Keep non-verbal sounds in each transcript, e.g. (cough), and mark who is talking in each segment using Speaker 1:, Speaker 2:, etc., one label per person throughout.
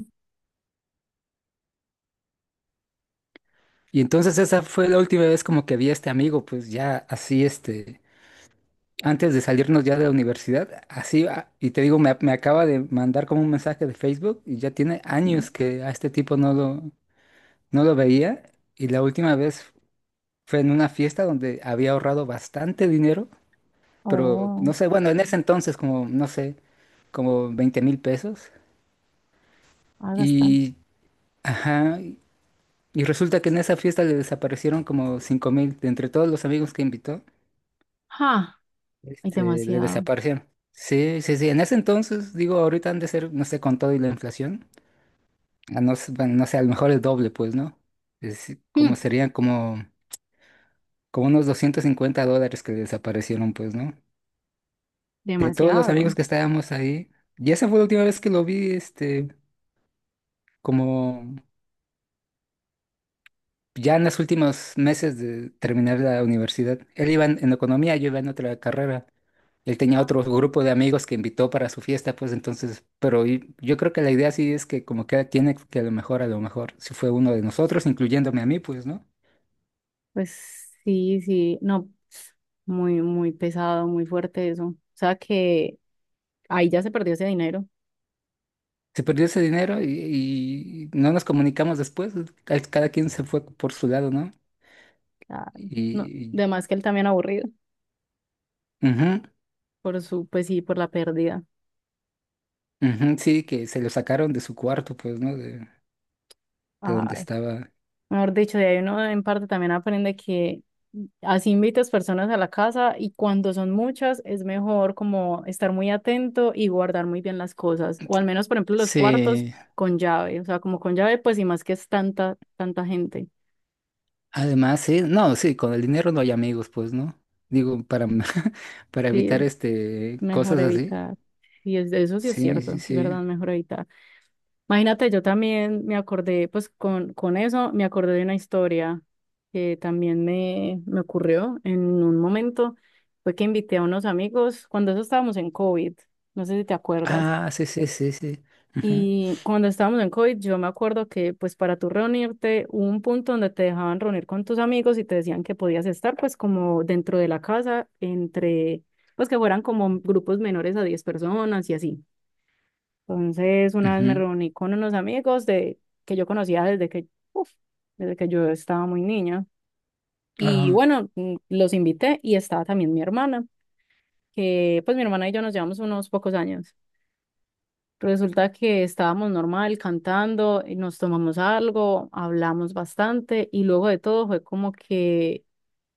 Speaker 1: Mm.
Speaker 2: Y entonces esa fue la última vez como que vi a este amigo, pues ya así, antes de salirnos ya de la universidad, así, y te digo, me acaba de mandar como un mensaje de Facebook y ya tiene años que a este tipo no lo veía. Y la última vez fue en una fiesta donde había ahorrado bastante dinero, pero no
Speaker 1: Oh,
Speaker 2: sé, bueno, en ese entonces como, no sé, como 20,000 pesos.
Speaker 1: ah, bastante.
Speaker 2: Y, ajá, y resulta que en esa fiesta le desaparecieron como 5,000 de entre todos los amigos que invitó.
Speaker 1: ¡Ja! Hay
Speaker 2: Le
Speaker 1: demasiado.
Speaker 2: desaparecieron. Sí, sí, sí. En ese entonces, digo, ahorita han de ser, no sé, con todo y la inflación. A no, bueno, no sé, a lo mejor el doble, pues, ¿no? Es como
Speaker 1: Mm.
Speaker 2: serían como, como unos 250 dólares que desaparecieron, pues, ¿no? De todos los amigos
Speaker 1: Demasiado.
Speaker 2: que estábamos ahí. Y esa fue la última vez que lo vi, este, como. Ya en los últimos meses de terminar la universidad, él iba en economía, yo iba en otra carrera. Él tenía otro
Speaker 1: Mm.
Speaker 2: grupo de amigos que invitó para su fiesta, pues entonces, pero yo creo que la idea sí es que como que tiene que a lo mejor, si fue uno de nosotros, incluyéndome a mí, pues, ¿no?
Speaker 1: Pues sí, sí. No, muy, muy pesado, muy fuerte eso. O sea que ahí ya se perdió ese dinero.
Speaker 2: Se perdió ese dinero y no nos comunicamos después, cada quien se fue por su lado, ¿no?
Speaker 1: Ah, no,
Speaker 2: Y,
Speaker 1: además que él también aburrido
Speaker 2: ujú,
Speaker 1: por su, pues sí, por la pérdida.
Speaker 2: ujú, sí, que se lo sacaron de su cuarto, pues, ¿no? De donde
Speaker 1: Ay,
Speaker 2: estaba.
Speaker 1: mejor dicho, de ahí uno en parte también aprende que así invitas personas a la casa y cuando son muchas es mejor como estar muy atento y guardar muy bien las cosas, o al menos, por ejemplo, los cuartos
Speaker 2: Sí.
Speaker 1: con llave, o sea, como con llave, pues y más que es tanta, tanta gente,
Speaker 2: Además, sí, no, sí, con el dinero no hay amigos, pues, ¿no? Digo, para, (laughs) para
Speaker 1: sí,
Speaker 2: evitar
Speaker 1: es mejor
Speaker 2: cosas así.
Speaker 1: evitar. Y es, eso sí es
Speaker 2: Sí,
Speaker 1: cierto,
Speaker 2: sí,
Speaker 1: es
Speaker 2: sí.
Speaker 1: verdad, mejor evitar. Imagínate, yo también me acordé, pues con eso me acordé de una historia que también me ocurrió en un momento. Fue que invité a unos amigos cuando eso estábamos en COVID, no sé si te acuerdas.
Speaker 2: Ah, sí, sí, sí, sí. Ujú,
Speaker 1: Y cuando estábamos en COVID, yo me acuerdo que pues para tú reunirte hubo un punto donde te dejaban reunir con tus amigos y te decían que podías estar pues como dentro de la casa, entre, pues que fueran como grupos menores a 10 personas y así. Entonces, una vez me
Speaker 2: ujú.
Speaker 1: reuní con unos amigos de, que yo conocía desde que, uf, desde que yo estaba muy niña. Y
Speaker 2: Ah,
Speaker 1: bueno, los invité y estaba también mi hermana, que pues mi hermana y yo nos llevamos unos pocos años. Resulta que estábamos normal cantando, y nos tomamos algo, hablamos bastante y luego de todo fue como que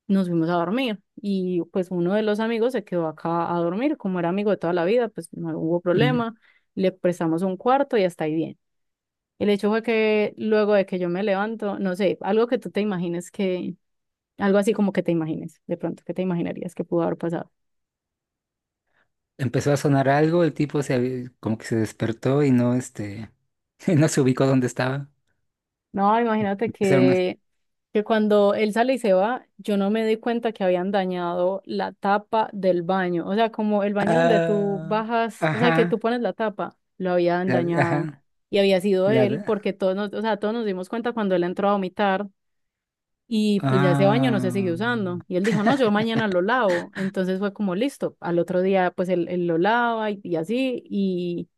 Speaker 1: nos fuimos a dormir y pues uno de los amigos se quedó acá a dormir, como era amigo de toda la vida, pues no hubo
Speaker 2: mm.
Speaker 1: problema, le prestamos un cuarto y hasta ahí bien. El hecho fue que luego de que yo me levanto, no sé, algo que tú te imagines que, algo así como que te imagines, de pronto, ¿que te imaginarías que pudo haber pasado?
Speaker 2: Empezó a sonar algo, el tipo como que se despertó y no (laughs) no se ubicó donde estaba.
Speaker 1: No, imagínate
Speaker 2: Empezaron a
Speaker 1: que cuando él sale y se va, yo no me di cuenta que habían dañado la tapa del baño, o sea, como el baño donde tú
Speaker 2: ah,
Speaker 1: bajas, o sea, que tú
Speaker 2: ajá,
Speaker 1: pones la tapa, lo habían
Speaker 2: la,
Speaker 1: dañado.
Speaker 2: ajá,
Speaker 1: Y había sido
Speaker 2: la,
Speaker 1: él, porque todos nos, o sea, todos nos dimos cuenta cuando él entró a vomitar. Y pues ya ese baño no se siguió
Speaker 2: ah.
Speaker 1: usando. Y él dijo, no, yo mañana lo lavo. Entonces fue como listo. Al otro día, pues él lo lava y así. Y,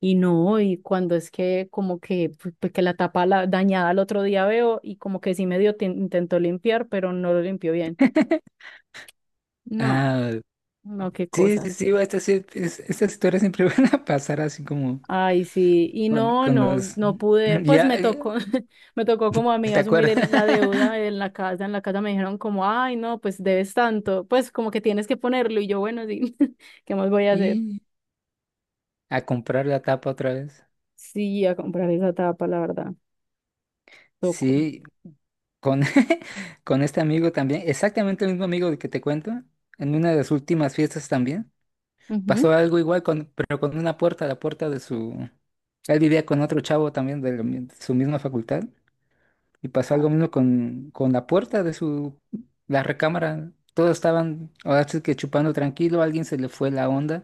Speaker 1: y no, y cuando es que como que, pues, que la tapa la, dañada al otro día veo y como que sí medio intentó limpiar, pero no lo limpió bien.
Speaker 2: (laughs)
Speaker 1: No,
Speaker 2: Ah,
Speaker 1: no, qué
Speaker 2: sí, sí,
Speaker 1: cosas.
Speaker 2: sí, estas historias siempre (laughs) van a pasar así como
Speaker 1: Ay, sí, y no,
Speaker 2: con
Speaker 1: no,
Speaker 2: los... (clears throat)
Speaker 1: no pude, pues
Speaker 2: Ya,
Speaker 1: me tocó, (laughs) me tocó como a mí
Speaker 2: ¿te
Speaker 1: asumir
Speaker 2: acuerdas? (laughs)
Speaker 1: la deuda en la casa me dijeron como, ay, no, pues debes tanto, pues como que tienes que ponerlo, y yo, bueno, sí, (laughs) ¿qué más voy a hacer?
Speaker 2: Y a comprar la tapa otra vez.
Speaker 1: Sí, a comprar esa tapa, la verdad, tocó.
Speaker 2: Sí, con, (laughs) con este amigo también, exactamente el mismo amigo del que te cuento, en una de las últimas fiestas también,
Speaker 1: Ujú.
Speaker 2: pasó algo igual, con, pero con una puerta, la puerta de su... Él vivía con otro chavo también de, de su misma facultad y pasó
Speaker 1: Ah,
Speaker 2: algo mismo con la puerta de su... la recámara. Todos estaban, ahora sí que chupando tranquilo, a alguien se le fue la onda.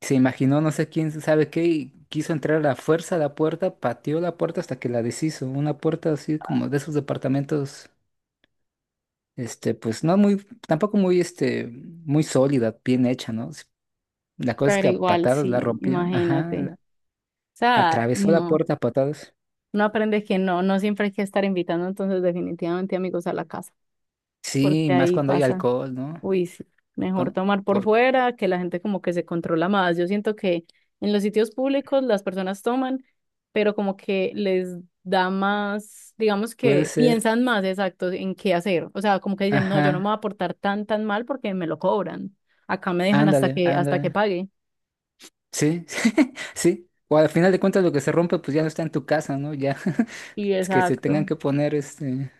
Speaker 2: Se imaginó, no sé quién sabe qué, y quiso entrar a la fuerza a la puerta, pateó la puerta hasta que la deshizo. Una puerta así como de esos departamentos, pues no muy, tampoco muy, muy sólida, bien hecha, ¿no? La cosa es
Speaker 1: pero
Speaker 2: que a
Speaker 1: igual,
Speaker 2: patadas la
Speaker 1: sí,
Speaker 2: rompió, ajá,
Speaker 1: imagínate. O sea,
Speaker 2: atravesó la
Speaker 1: no,
Speaker 2: puerta a patadas.
Speaker 1: no aprendes que no, no siempre hay que estar invitando entonces definitivamente amigos a la casa,
Speaker 2: Sí,
Speaker 1: porque
Speaker 2: más
Speaker 1: ahí
Speaker 2: cuando hay
Speaker 1: pasa.
Speaker 2: alcohol, ¿no?
Speaker 1: Uy, sí, mejor
Speaker 2: Con,
Speaker 1: tomar por
Speaker 2: por-
Speaker 1: fuera, que la gente como que se controla más. Yo siento que en los sitios públicos las personas toman, pero como que les da más, digamos
Speaker 2: puede
Speaker 1: que
Speaker 2: ser,
Speaker 1: piensan más exacto en qué hacer. O sea, como que dicen, no, yo no me
Speaker 2: ajá,
Speaker 1: voy a portar tan, tan mal porque me lo cobran. Acá me dejan hasta
Speaker 2: ándale,
Speaker 1: que, hasta que
Speaker 2: ándale.
Speaker 1: pague.
Speaker 2: Sí, (laughs) sí. O al final de cuentas lo que se rompe pues ya no está en tu casa, ¿no? Ya. (laughs)
Speaker 1: Y
Speaker 2: Es que se tengan
Speaker 1: exacto,
Speaker 2: que poner, este,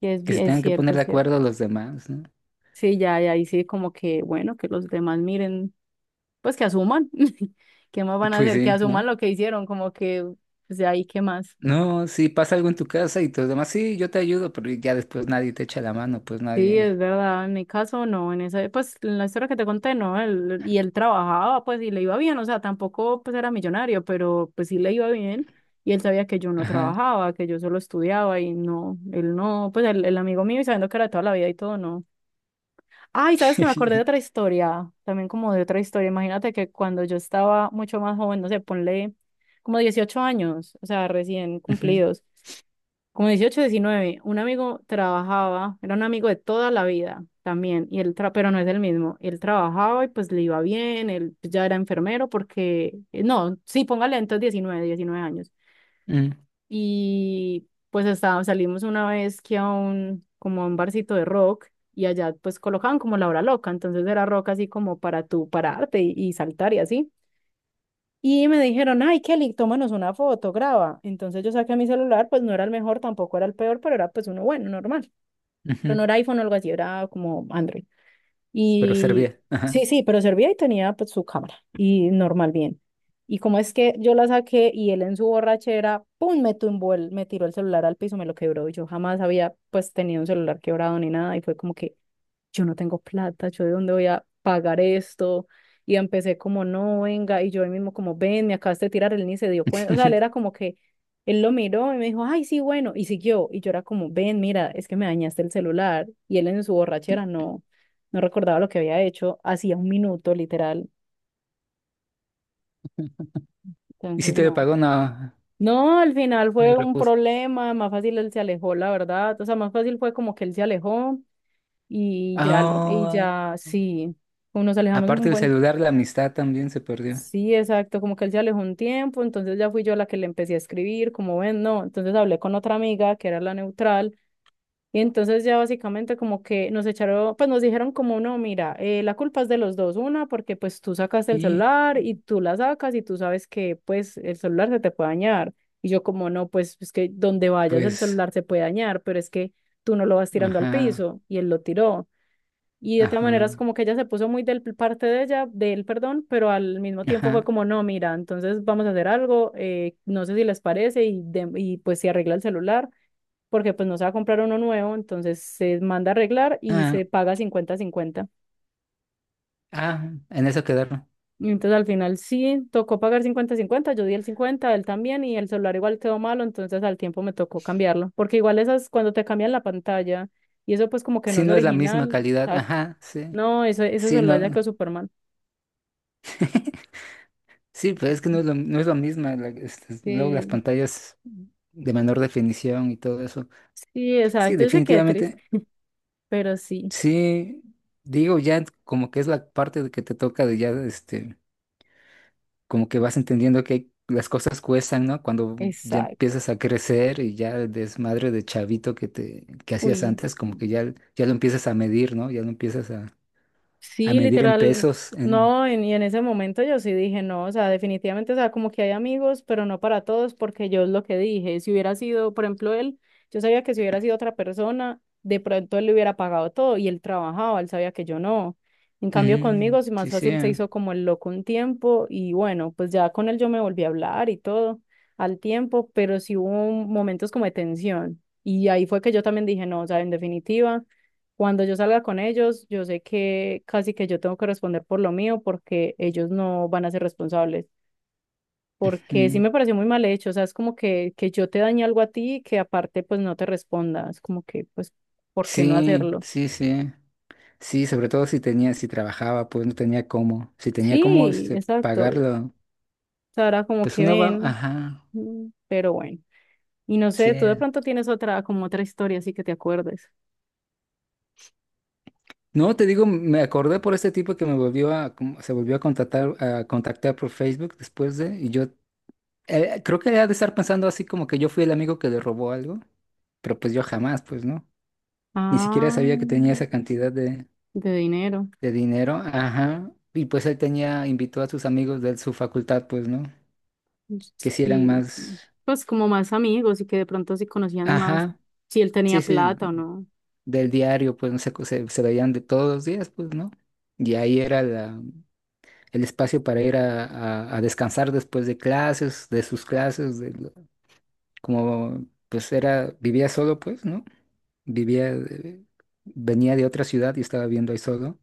Speaker 1: y es,
Speaker 2: que se
Speaker 1: es
Speaker 2: tengan que
Speaker 1: cierto,
Speaker 2: poner de
Speaker 1: es cierto.
Speaker 2: acuerdo los demás, ¿no?
Speaker 1: Sí, ya, ya ahí sí como que, bueno, que los demás miren, pues que asuman. (laughs) ¿Qué más van a
Speaker 2: Pues
Speaker 1: hacer? Que
Speaker 2: sí,
Speaker 1: asuman
Speaker 2: ¿no?
Speaker 1: lo que hicieron, como que, pues de ahí, ¿qué más?
Speaker 2: No, si pasa algo en tu casa y todos demás, sí, yo te ayudo, pero ya después nadie te echa la mano, pues
Speaker 1: Sí,
Speaker 2: nadie.
Speaker 1: es verdad, en mi caso no, en esa, pues en la historia que te conté, no, él, y él trabajaba, pues y le iba bien, o sea, tampoco pues era millonario, pero pues sí le iba bien, y él sabía que yo no
Speaker 2: Ajá.
Speaker 1: trabajaba, que yo solo estudiaba, y no, él no, pues el amigo mío, y sabiendo que era de toda la vida y todo, no. Ay, sabes que me acordé de otra
Speaker 2: (laughs)
Speaker 1: historia, también como de otra historia, imagínate que cuando yo estaba mucho más joven, no sé, ponle como 18 años, o sea, recién
Speaker 2: Ujú,
Speaker 1: cumplidos como 18 19 un amigo trabajaba, era un amigo de toda la vida también, y él pero no es el mismo. Él trabajaba y pues le iba bien, él ya era enfermero porque, no, sí, póngale entonces 19 19 años.
Speaker 2: mm,
Speaker 1: Y pues estaba, salimos una vez que a un, como a un barcito de rock y allá pues colocaban como la hora loca, entonces era rock así como para tú pararte y saltar y así. Y me dijeron, ay, Kelly, tómanos una foto, graba. Entonces yo saqué mi celular, pues no era el mejor, tampoco era el peor, pero era pues uno bueno, normal. Pero no
Speaker 2: ujú.
Speaker 1: era iPhone o algo así, era como Android.
Speaker 2: Pero
Speaker 1: Y
Speaker 2: servía. Ajá.
Speaker 1: sí, sí, pero servía y tenía pues su cámara y normal, bien. Y como es que yo la saqué y él en su borrachera, pum, me tumbó me tiró el celular al piso, me lo quebró. Y yo jamás había pues tenido un celular quebrado ni nada y fue como que, yo no tengo plata, yo de dónde voy a pagar esto. Y empecé como, no, venga, y yo él mismo como, ven, me acabaste de tirar, él ni se dio cuenta, o sea, él era
Speaker 2: (laughs)
Speaker 1: como que, él lo miró y me dijo, ay, sí, bueno, y siguió, y yo era como, ven, mira, es que me dañaste el celular, y él en su borrachera no, no recordaba lo que había hecho, hacía un minuto, literal,
Speaker 2: Y si
Speaker 1: entonces
Speaker 2: te lo
Speaker 1: no.
Speaker 2: pagó, no,
Speaker 1: No, al final
Speaker 2: el
Speaker 1: fue un
Speaker 2: repuso.
Speaker 1: problema, más fácil él se alejó, la verdad, o sea, más fácil fue como que él se alejó, y ya, y
Speaker 2: Ah,
Speaker 1: ya, sí, como nos alejamos
Speaker 2: aparte
Speaker 1: un
Speaker 2: del
Speaker 1: buen.
Speaker 2: celular, la amistad también se perdió.
Speaker 1: Sí, exacto, como que él ya alejó un tiempo, entonces ya fui yo la que le empecé a escribir, como ven, no, entonces hablé con otra amiga que era la neutral y entonces ya básicamente como que nos echaron, pues nos dijeron como, no, mira, la culpa es de los dos, una porque pues tú sacaste el
Speaker 2: Y
Speaker 1: celular y tú la sacas y tú sabes que pues el celular se te puede dañar y yo como, no, pues es que donde vayas el
Speaker 2: pues,
Speaker 1: celular se puede dañar, pero es que tú no lo vas tirando al
Speaker 2: ajá,
Speaker 1: piso y él lo tiró. Y de otra manera es
Speaker 2: ajá,
Speaker 1: como que ella se puso muy del parte de ella, de él, perdón, pero al mismo tiempo fue
Speaker 2: ajá.
Speaker 1: como, no, mira, entonces vamos a hacer algo, no sé si les parece, y, y pues se arregla el celular, porque pues no se va a comprar uno nuevo, entonces se manda a arreglar y
Speaker 2: Ah,
Speaker 1: se paga cincuenta cincuenta.
Speaker 2: ah, en eso quedaron.
Speaker 1: Y entonces al final sí, tocó pagar cincuenta cincuenta, yo di el cincuenta, él también, y el celular igual quedó malo, entonces al tiempo me tocó cambiarlo, porque igual esas cuando te cambian la pantalla, y eso pues como que no
Speaker 2: Sí,
Speaker 1: es
Speaker 2: no es la misma
Speaker 1: original,
Speaker 2: calidad.
Speaker 1: exacto.
Speaker 2: Ajá, sí.
Speaker 1: No, eso, ese
Speaker 2: Sí,
Speaker 1: celular ya
Speaker 2: no.
Speaker 1: quedó súper mal.
Speaker 2: (laughs) Sí, pero es que no es lo mismo. Luego las
Speaker 1: Sí.
Speaker 2: pantallas de menor definición y todo eso.
Speaker 1: Sí,
Speaker 2: Sí,
Speaker 1: exacto, yo sé que
Speaker 2: definitivamente.
Speaker 1: triste, pero sí,
Speaker 2: Sí, digo, ya como que es la parte de que te toca de ya, como que vas entendiendo que las cosas cuestan, ¿no? Cuando ya
Speaker 1: exacto.
Speaker 2: empiezas a crecer y ya el desmadre de chavito que te, que hacías
Speaker 1: Uy,
Speaker 2: antes, como que ya, ya lo empiezas a medir, ¿no? Ya lo empiezas a
Speaker 1: sí,
Speaker 2: medir en
Speaker 1: literal,
Speaker 2: pesos, en...
Speaker 1: no, y en ese momento yo sí dije, no, o sea, definitivamente, o sea, como que hay amigos, pero no para todos, porque yo es lo que dije, si hubiera sido, por ejemplo, él, yo sabía que si hubiera sido otra persona, de pronto él le hubiera pagado todo y él trabajaba, él sabía que yo no. En cambio, conmigo,
Speaker 2: Mm,
Speaker 1: es más
Speaker 2: sí, sí.
Speaker 1: fácil se hizo como el loco un tiempo y bueno, pues ya con él yo me volví a hablar y todo al tiempo, pero sí hubo momentos como de tensión y ahí fue que yo también dije, no, o sea, en definitiva. Cuando yo salga con ellos, yo sé que casi que yo tengo que responder por lo mío porque ellos no van a ser responsables. Porque sí
Speaker 2: Mm.
Speaker 1: me pareció muy mal hecho, o sea, es como que yo te dañe algo a ti y que aparte pues no te responda, es como que pues, ¿por qué no
Speaker 2: Sí,
Speaker 1: hacerlo?
Speaker 2: sí, sí. Sí, sobre todo si tenía, si trabajaba, pues no tenía cómo. Si tenía cómo
Speaker 1: Sí, exacto. O
Speaker 2: pagarlo,
Speaker 1: sea, era como
Speaker 2: pues
Speaker 1: que
Speaker 2: uno va,
Speaker 1: ven,
Speaker 2: ajá,
Speaker 1: pero bueno. Y no
Speaker 2: sí.
Speaker 1: sé, tú de pronto tienes otra, como otra historia así que te acuerdes.
Speaker 2: No, te digo, me acordé por este tipo que me volvió a, como- se volvió a contactar por Facebook después de, y yo creo que había de estar pensando así como que yo fui el amigo que le robó algo, pero pues yo jamás, pues no. Ni siquiera
Speaker 1: Ah,
Speaker 2: sabía que tenía esa cantidad
Speaker 1: de dinero.
Speaker 2: de dinero, ajá. Y pues él tenía, invitó a sus amigos de su facultad, pues no.
Speaker 1: Sí,
Speaker 2: que sí eran
Speaker 1: sí.
Speaker 2: más,
Speaker 1: Pues como más amigos y que de pronto se conocían más
Speaker 2: ajá,
Speaker 1: si él
Speaker 2: sí,
Speaker 1: tenía
Speaker 2: sí,
Speaker 1: plata o no.
Speaker 2: del diario, pues no sé, se veían de todos los días, pues, ¿no? Y ahí era el espacio para ir a, a descansar después de clases, de sus clases, como pues era, vivía solo, pues, ¿no? Vivía, venía de otra ciudad y estaba viendo ahí solo.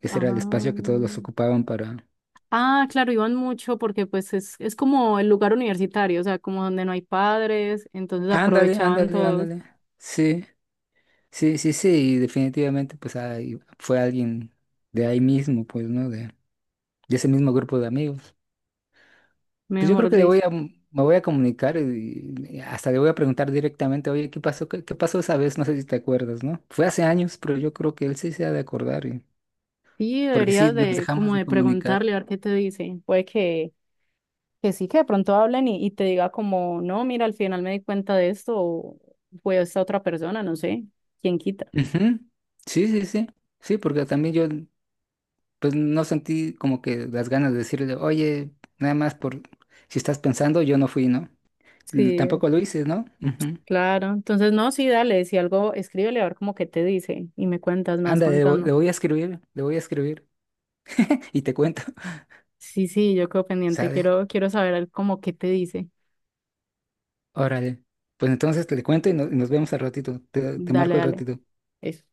Speaker 2: Ese
Speaker 1: Ah,
Speaker 2: era el espacio que todos los ocupaban para...
Speaker 1: ah, claro, iban mucho porque pues es como el lugar universitario, o sea, como donde no hay padres, entonces
Speaker 2: Ándale,
Speaker 1: aprovechaban
Speaker 2: ándale,
Speaker 1: todos,
Speaker 2: ándale. Sí, sí, sí, sí, y definitivamente pues ahí fue alguien de ahí mismo, pues, ¿no? De ese mismo grupo de amigos. Pues yo creo
Speaker 1: mejor
Speaker 2: que
Speaker 1: dicho.
Speaker 2: me voy a comunicar y hasta le voy a preguntar directamente, oye, ¿qué pasó? ¿Qué, qué pasó esa vez? No sé si te acuerdas, ¿no? Fue hace años, pero yo creo que él sí se ha de acordar, y-
Speaker 1: Sí,
Speaker 2: porque sí
Speaker 1: deberías
Speaker 2: nos
Speaker 1: de
Speaker 2: dejamos
Speaker 1: como
Speaker 2: de
Speaker 1: de
Speaker 2: comunicar.
Speaker 1: preguntarle a ver qué te dice. Puede que sí, que de pronto hablen y te diga como, no, mira, al final me di cuenta de esto o fue esta otra persona, no sé, quién quita.
Speaker 2: Ujú. Sí, sí, sí. Sí, porque también yo, pues no sentí como que las ganas de decirle, oye, nada más por si estás pensando, yo no fui, ¿no? L-
Speaker 1: Sí,
Speaker 2: Tampoco lo hice, ¿no? Ujú.
Speaker 1: claro, entonces no, sí, dale, si algo, escríbele a ver como que te dice y me cuentas, me vas
Speaker 2: Anda,
Speaker 1: contando.
Speaker 2: le voy a escribir, le voy a escribir (laughs) y te cuento.
Speaker 1: Sí, sí, yo quedo
Speaker 2: (laughs)
Speaker 1: pendiente,
Speaker 2: Sale.
Speaker 1: quiero saber como qué te dice.
Speaker 2: Órale. Pues entonces te le cuento y, no- y nos vemos al ratito. Te
Speaker 1: Dale,
Speaker 2: marco al
Speaker 1: dale.
Speaker 2: ratito.
Speaker 1: Eso.